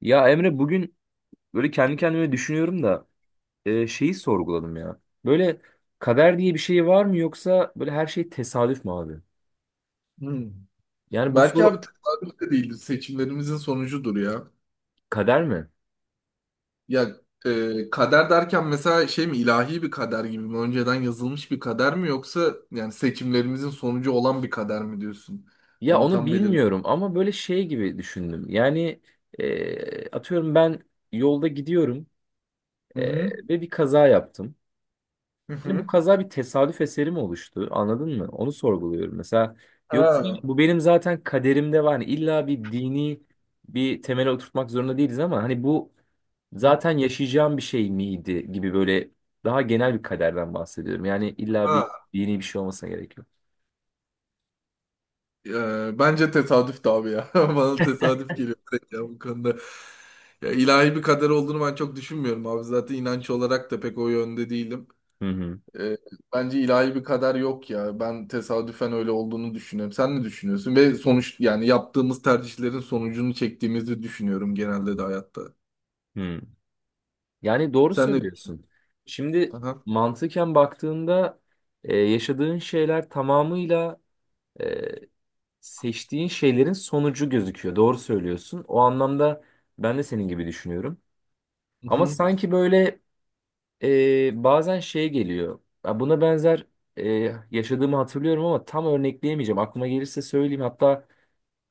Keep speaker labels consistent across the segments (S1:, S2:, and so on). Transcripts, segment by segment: S1: Ya Emre bugün böyle kendi kendime düşünüyorum da şeyi sorguladım ya. Böyle kader diye bir şey var mı yoksa böyle her şey tesadüf mü abi?
S2: Hmm.
S1: Yani bu
S2: Belki abi
S1: soru
S2: tesadüf de değildir. Seçimlerimizin sonucudur ya.
S1: kader mi?
S2: Ya kader derken mesela şey mi ilahi bir kader gibi mi? Önceden yazılmış bir kader mi yoksa yani seçimlerimizin sonucu olan bir kader mi diyorsun?
S1: Ya
S2: Onu
S1: onu
S2: tam belirle.
S1: bilmiyorum ama böyle şey gibi düşündüm. Atıyorum ben yolda gidiyorum,
S2: Hı hı.
S1: ve bir kaza yaptım.
S2: Hı
S1: Hani bu
S2: hı.
S1: kaza bir tesadüf eseri mi oluştu? Anladın mı? Onu sorguluyorum. Mesela yoksa
S2: Ha.
S1: bu benim zaten kaderimde var. Hani illa bir dini bir temele oturtmak zorunda değiliz ama hani bu zaten yaşayacağım bir şey miydi gibi böyle daha genel bir kaderden bahsediyorum. Yani illa bir
S2: Ha.
S1: yeni bir şey olmasına gerek yok.
S2: Bence tesadüf de abi ya. Bana tesadüf geliyor direkt ya bu konuda. Ya ilahi bir kader olduğunu ben çok düşünmüyorum abi. Zaten inanç olarak da pek o yönde değilim.
S1: Hı hı.
S2: E, Bence ilahi bir kader yok ya. Ben tesadüfen öyle olduğunu düşünüyorum. Sen ne düşünüyorsun? Ve sonuç yani yaptığımız tercihlerin sonucunu çektiğimizi düşünüyorum genelde de hayatta.
S1: Hı. Yani doğru
S2: Sen ne
S1: söylüyorsun. Şimdi
S2: Aha.
S1: mantıken baktığında yaşadığın şeyler tamamıyla, e, seçtiğin şeylerin sonucu gözüküyor. Doğru söylüyorsun. O anlamda ben de senin gibi düşünüyorum. Ama
S2: Hı-hı.
S1: sanki böyle bazen şey geliyor. Ya buna benzer yaşadığımı hatırlıyorum ama tam örnekleyemeyeceğim. Aklıma gelirse söyleyeyim. Hatta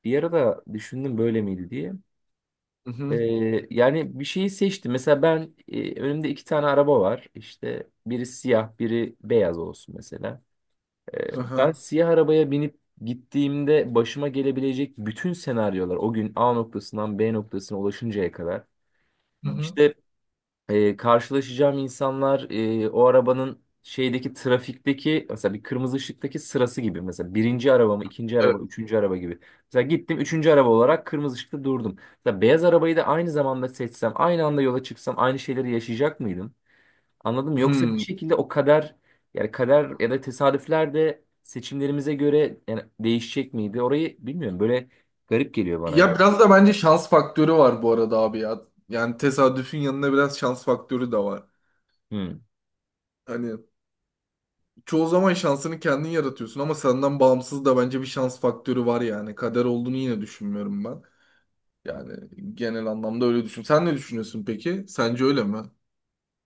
S1: bir ara da düşündüm böyle miydi diye. E,
S2: Hı-hı.
S1: Yani bir şeyi seçtim. Mesela ben, önümde iki tane araba var. İşte biri siyah, biri beyaz olsun mesela. Ben
S2: Aha.
S1: siyah arabaya binip gittiğimde başıma gelebilecek bütün senaryolar o gün A noktasından B noktasına ulaşıncaya kadar.
S2: Hı-hı.
S1: İşte karşılaşacağım insanlar, o arabanın şeydeki trafikteki mesela bir kırmızı ışıktaki sırası gibi, mesela birinci araba mı ikinci
S2: Evet.
S1: araba üçüncü araba gibi. Mesela gittim üçüncü araba olarak kırmızı ışıkta durdum. Mesela beyaz arabayı da aynı zamanda seçsem aynı anda yola çıksam aynı şeyleri yaşayacak mıydım? Anladım mı? Yoksa bir
S2: Hmm.
S1: şekilde o kader, yani kader ya da tesadüfler de seçimlerimize göre yani değişecek miydi? Orayı bilmiyorum, böyle garip geliyor bana
S2: Ya
S1: ya.
S2: biraz da bence şans faktörü var bu arada abi ya. Yani tesadüfün yanında biraz şans faktörü de var. Hani çoğu zaman şansını kendin yaratıyorsun ama senden bağımsız da bence bir şans faktörü var yani. Kader olduğunu yine düşünmüyorum ben. Yani genel anlamda öyle düşün. Sen ne düşünüyorsun peki? Sence öyle mi?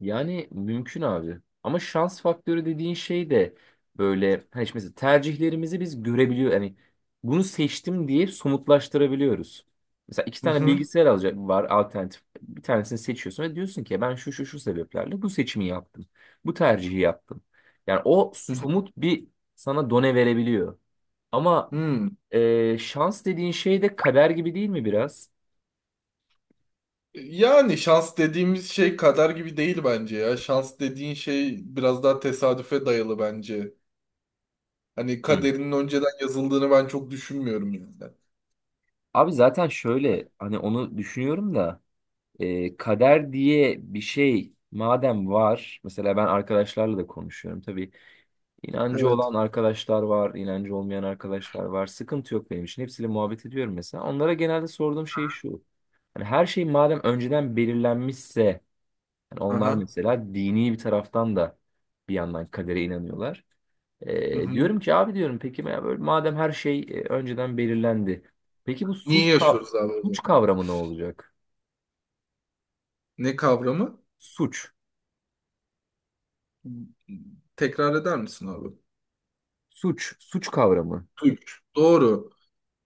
S1: Yani mümkün abi. Ama şans faktörü dediğin şey de böyle hani işte mesela tercihlerimizi biz görebiliyor. Yani bunu seçtim diye somutlaştırabiliyoruz. Mesela iki
S2: Hı
S1: tane
S2: hı.
S1: bilgisayar alacak var, alternatif. Bir tanesini seçiyorsun ve diyorsun ki ben şu şu şu sebeplerle bu seçimi yaptım. Bu tercihi yaptım. Yani o
S2: Hı hı.
S1: somut bir sana done verebiliyor. Ama
S2: Hmm.
S1: şans dediğin şey de kader gibi değil mi biraz?
S2: Yani şans dediğimiz şey kader gibi değil bence ya. Şans dediğin şey biraz daha tesadüfe dayalı bence. Hani
S1: Hı.
S2: kaderinin önceden yazıldığını ben çok düşünmüyorum yani.
S1: Abi zaten şöyle hani onu düşünüyorum da. E, kader diye bir şey madem var, mesela ben arkadaşlarla da konuşuyorum tabii. İnancı
S2: Evet.
S1: olan arkadaşlar var, inancı olmayan arkadaşlar var. Sıkıntı yok benim için. Hepsiyle muhabbet ediyorum mesela. Onlara genelde sorduğum şey şu. Hani her şey madem önceden belirlenmişse, yani onlar
S2: Aha.
S1: mesela dini bir taraftan da bir yandan kadere inanıyorlar.
S2: Hı
S1: E,
S2: hı.
S1: diyorum ki abi diyorum peki ya böyle madem her şey önceden belirlendi. Peki bu
S2: Niye yaşıyoruz abi o zaman?
S1: suç kavramı ne olacak?
S2: Ne kavramı?
S1: Suç.
S2: Tekrar eder misin abi?
S1: Suç kavramı.
S2: Güç. Doğru.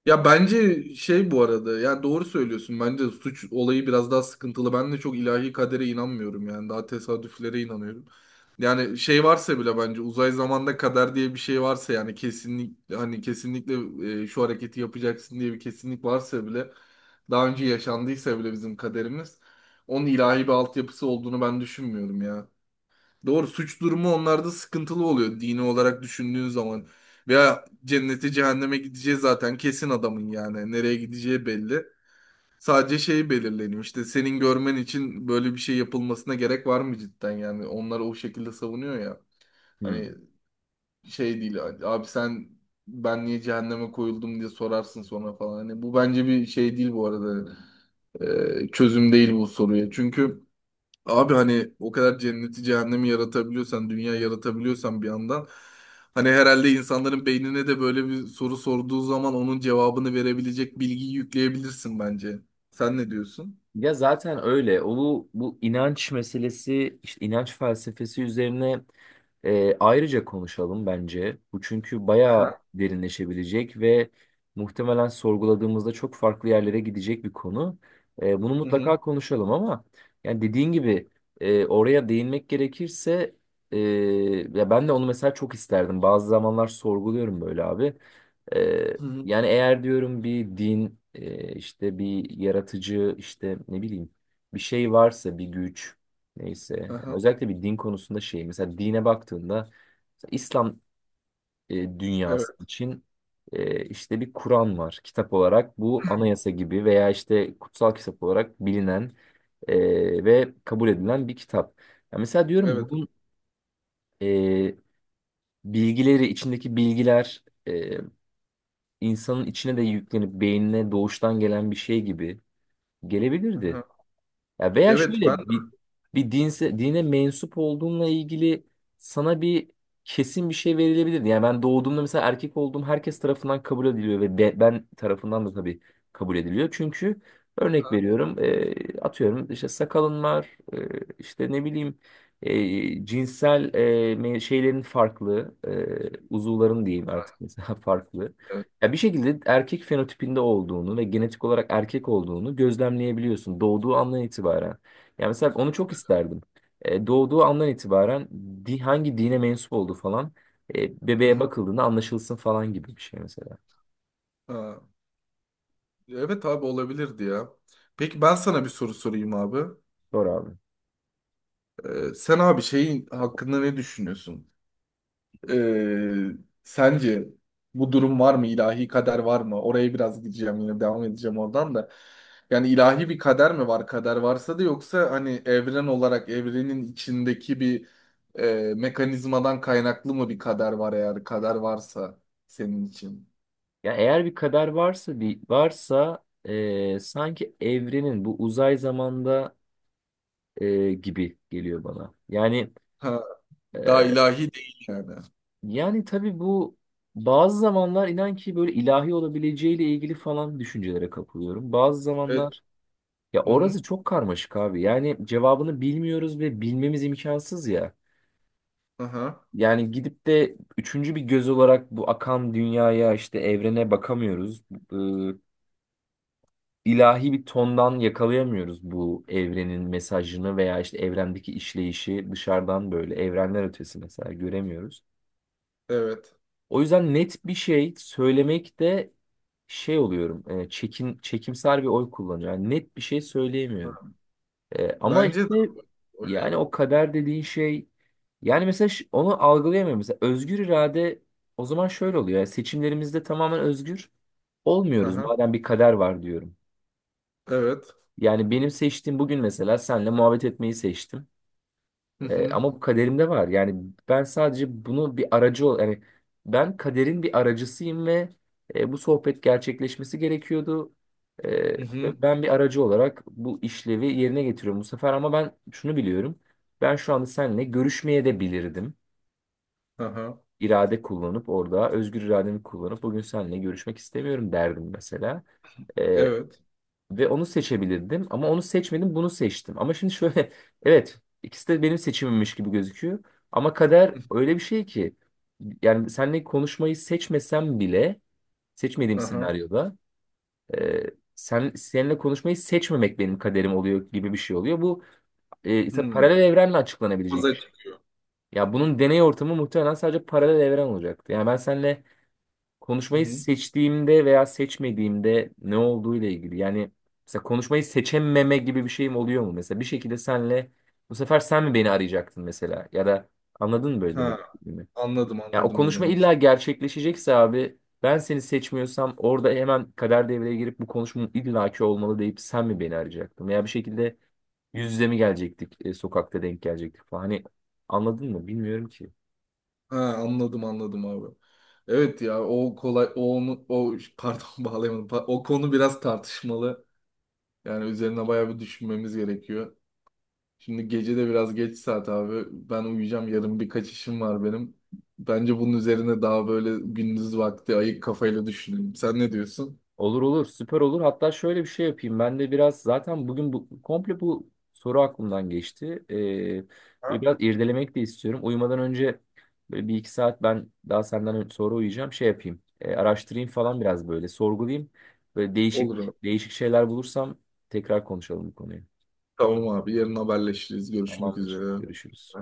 S2: Ya bence şey bu arada ya doğru söylüyorsun, bence suç olayı biraz daha sıkıntılı. Ben de çok ilahi kadere inanmıyorum yani daha tesadüflere inanıyorum. Yani şey varsa bile bence uzay zamanda kader diye bir şey varsa yani kesinlik, hani kesinlikle şu hareketi yapacaksın diye bir kesinlik varsa bile daha önce yaşandıysa bile bizim kaderimiz onun ilahi bir altyapısı olduğunu ben düşünmüyorum ya. Doğru, suç durumu onlarda sıkıntılı oluyor dini olarak düşündüğün zaman. Veya cennete cehenneme gideceği zaten kesin adamın yani. Nereye gideceği belli. Sadece şey belirleniyor işte, senin görmen için böyle bir şey yapılmasına gerek var mı cidden yani. Onlar o şekilde savunuyor ya. Hani
S1: Hmm.
S2: şey değil abi, sen ben niye cehenneme koyuldum diye sorarsın sonra falan. Hani bu bence bir şey değil bu arada. Çözüm değil bu soruya. Çünkü abi hani o kadar cenneti cehennemi yaratabiliyorsan, dünya yaratabiliyorsan bir yandan, hani herhalde insanların beynine de böyle bir soru sorduğu zaman onun cevabını verebilecek bilgiyi yükleyebilirsin bence. Sen ne diyorsun?
S1: Ya zaten öyle. O bu, bu inanç meselesi, işte inanç felsefesi üzerine ayrıca konuşalım bence. Bu çünkü bayağı
S2: Aha.
S1: derinleşebilecek ve muhtemelen sorguladığımızda çok farklı yerlere gidecek bir konu. E, bunu
S2: Hı hı.
S1: mutlaka konuşalım ama yani dediğin gibi, oraya değinmek gerekirse, e, ya ben de onu mesela çok isterdim. Bazı zamanlar sorguluyorum böyle abi. E,
S2: Hı hı.
S1: yani eğer diyorum bir din, işte bir yaratıcı, işte ne bileyim bir şey varsa, bir güç, neyse. Yani
S2: Aha.
S1: özellikle bir din konusunda şey, mesela dine baktığında, mesela İslam dünyası
S2: Evet,
S1: için, işte bir Kur'an var kitap olarak, bu anayasa gibi veya işte kutsal kitap olarak bilinen ve kabul edilen bir kitap. Ya mesela diyorum
S2: evet.
S1: bunun, e, bilgileri, içindeki bilgiler, insanın içine de yüklenip beynine doğuştan gelen bir şey gibi gelebilirdi.
S2: Aha.
S1: Ya veya
S2: Evet.
S1: şöyle bir bir dinse, dine mensup olduğunla ilgili sana bir kesin bir şey verilebilirdi. Yani ben doğduğumda mesela erkek olduğum herkes tarafından kabul ediliyor ve ben tarafından da tabii kabul ediliyor. Çünkü örnek
S2: Aha.
S1: veriyorum, atıyorum işte sakalın var, işte ne bileyim, cinsel, şeylerin farklı, uzuvların diyeyim artık mesela farklı.
S2: Evet.
S1: Ya bir şekilde erkek fenotipinde olduğunu ve genetik olarak erkek olduğunu gözlemleyebiliyorsun doğduğu andan itibaren. Yani mesela onu çok isterdim. E, doğduğu andan itibaren hangi dine mensup olduğu falan,
S2: Hı
S1: bebeğe
S2: hı.
S1: bakıldığında anlaşılsın falan gibi bir şey mesela.
S2: Ha. Evet abi olabilirdi ya. Peki ben sana bir soru sorayım abi.
S1: Doğru abi.
S2: Sen abi şeyin hakkında ne düşünüyorsun? Ee, Sence bu durum var mı? İlahi kader var mı? Oraya biraz gideceğim, yine devam edeceğim oradan da. Yani ilahi bir kader mi var? Kader varsa da yoksa hani evren olarak evrenin içindeki bir mekanizmadan kaynaklı mı bir kader var eğer kader varsa senin için?
S1: Ya eğer bir kader varsa, bir varsa, sanki evrenin bu uzay zamanda, gibi geliyor bana.
S2: Ha, daha
S1: E,
S2: ilahi değil yani.
S1: Yani tabii bu, bazı zamanlar inan ki böyle ilahi olabileceğiyle ilgili falan düşüncelere kapılıyorum. Bazı
S2: Evet.
S1: zamanlar ya
S2: Hı hı.
S1: orası çok karmaşık abi. Yani cevabını bilmiyoruz ve bilmemiz imkansız ya.
S2: Aha.
S1: Yani gidip de üçüncü bir göz olarak bu akan dünyaya, işte evrene bakamıyoruz. Ee, ilahi bir tondan yakalayamıyoruz bu evrenin mesajını veya işte evrendeki işleyişi dışarıdan, böyle evrenler ötesi mesela göremiyoruz.
S2: Evet.
S1: O yüzden net bir şey söylemekte şey oluyorum. Çekimser bir oy kullanıyorum. Yani net bir şey söyleyemiyorum.
S2: Aha.
S1: E, ama
S2: Bence de
S1: işte
S2: öyle.
S1: yani o kader dediğin şey, yani mesela onu algılayamıyorum. Mesela özgür irade, o zaman şöyle oluyor. Yani seçimlerimizde tamamen özgür olmuyoruz.
S2: Aha.
S1: Madem bir kader var diyorum.
S2: Evet.
S1: Yani benim seçtiğim, bugün mesela senle muhabbet etmeyi seçtim.
S2: Hı hı.
S1: Ama bu kaderimde var. Yani ben sadece bunu bir aracı ol, yani ben kaderin bir aracısıyım ve bu sohbet gerçekleşmesi gerekiyordu. E,
S2: Hı hı.
S1: Ve ben bir aracı olarak bu işlevi yerine getiriyorum bu sefer, ama ben şunu biliyorum. Ben şu anda seninle görüşmeye de bilirdim.
S2: Aha.
S1: İrade kullanıp orada özgür irademi kullanıp bugün seninle görüşmek istemiyorum derdim mesela.
S2: Evet.
S1: Ve onu seçebilirdim ama onu seçmedim, bunu seçtim. Ama şimdi şöyle evet ikisi de benim seçimimmiş gibi gözüküyor. Ama kader öyle bir şey ki, yani seninle konuşmayı seçmesem bile, seçmediğim
S2: Aha.
S1: senaryoda, e, sen seninle konuşmayı seçmemek benim kaderim oluyor gibi bir şey oluyor. Bu ise paralel
S2: Hmm.
S1: evrenle açıklanabilecek bir
S2: Aza
S1: şey.
S2: çıkıyor.
S1: Ya bunun deney ortamı muhtemelen sadece paralel evren olacaktı. Yani ben seninle
S2: Hı
S1: konuşmayı
S2: hı.
S1: seçtiğimde veya seçmediğimde ne olduğuyla ilgili. Yani mesela konuşmayı seçememe gibi bir şeyim oluyor mu? Mesela bir şekilde senle bu sefer sen mi beni arayacaktın mesela? Ya da anladın mı böyle demek
S2: Ha,
S1: istediğimi?
S2: anladım
S1: Ya o
S2: anladım ne
S1: konuşma
S2: demek
S1: illa
S2: istedim.
S1: gerçekleşecekse abi, ben seni seçmiyorsam orada hemen kader devreye girip bu konuşmanın illaki olmalı deyip sen mi beni arayacaktın? Veya bir şekilde yüz yüze mi gelecektik, sokakta denk gelecektik falan. Hani anladın mı? Bilmiyorum ki.
S2: Ha, anladım anladım abi. Evet ya, o kolay o onu o pardon, bağlayamadım. O konu biraz tartışmalı. Yani üzerine bayağı bir düşünmemiz gerekiyor. Şimdi gece de biraz geç saat abi. Ben uyuyacağım. Yarın birkaç işim var benim. Bence bunun üzerine daha böyle gündüz vakti ayık kafayla düşünelim. Sen ne diyorsun?
S1: Olur olur, süper olur. Hatta şöyle bir şey yapayım. Ben de biraz zaten bugün bu komple bu soru aklımdan geçti.
S2: Ha?
S1: Böyle biraz irdelemek de istiyorum. Uyumadan önce böyle bir iki saat ben daha senden sonra uyuyacağım. Şey yapayım, araştırayım falan, biraz böyle sorgulayayım. Böyle
S2: Olur
S1: değişik
S2: abi.
S1: değişik şeyler bulursam tekrar konuşalım bu konuyu.
S2: Tamam abi. Yarın haberleşiriz. Görüşmek
S1: Tamamdır.
S2: üzere.
S1: Görüşürüz.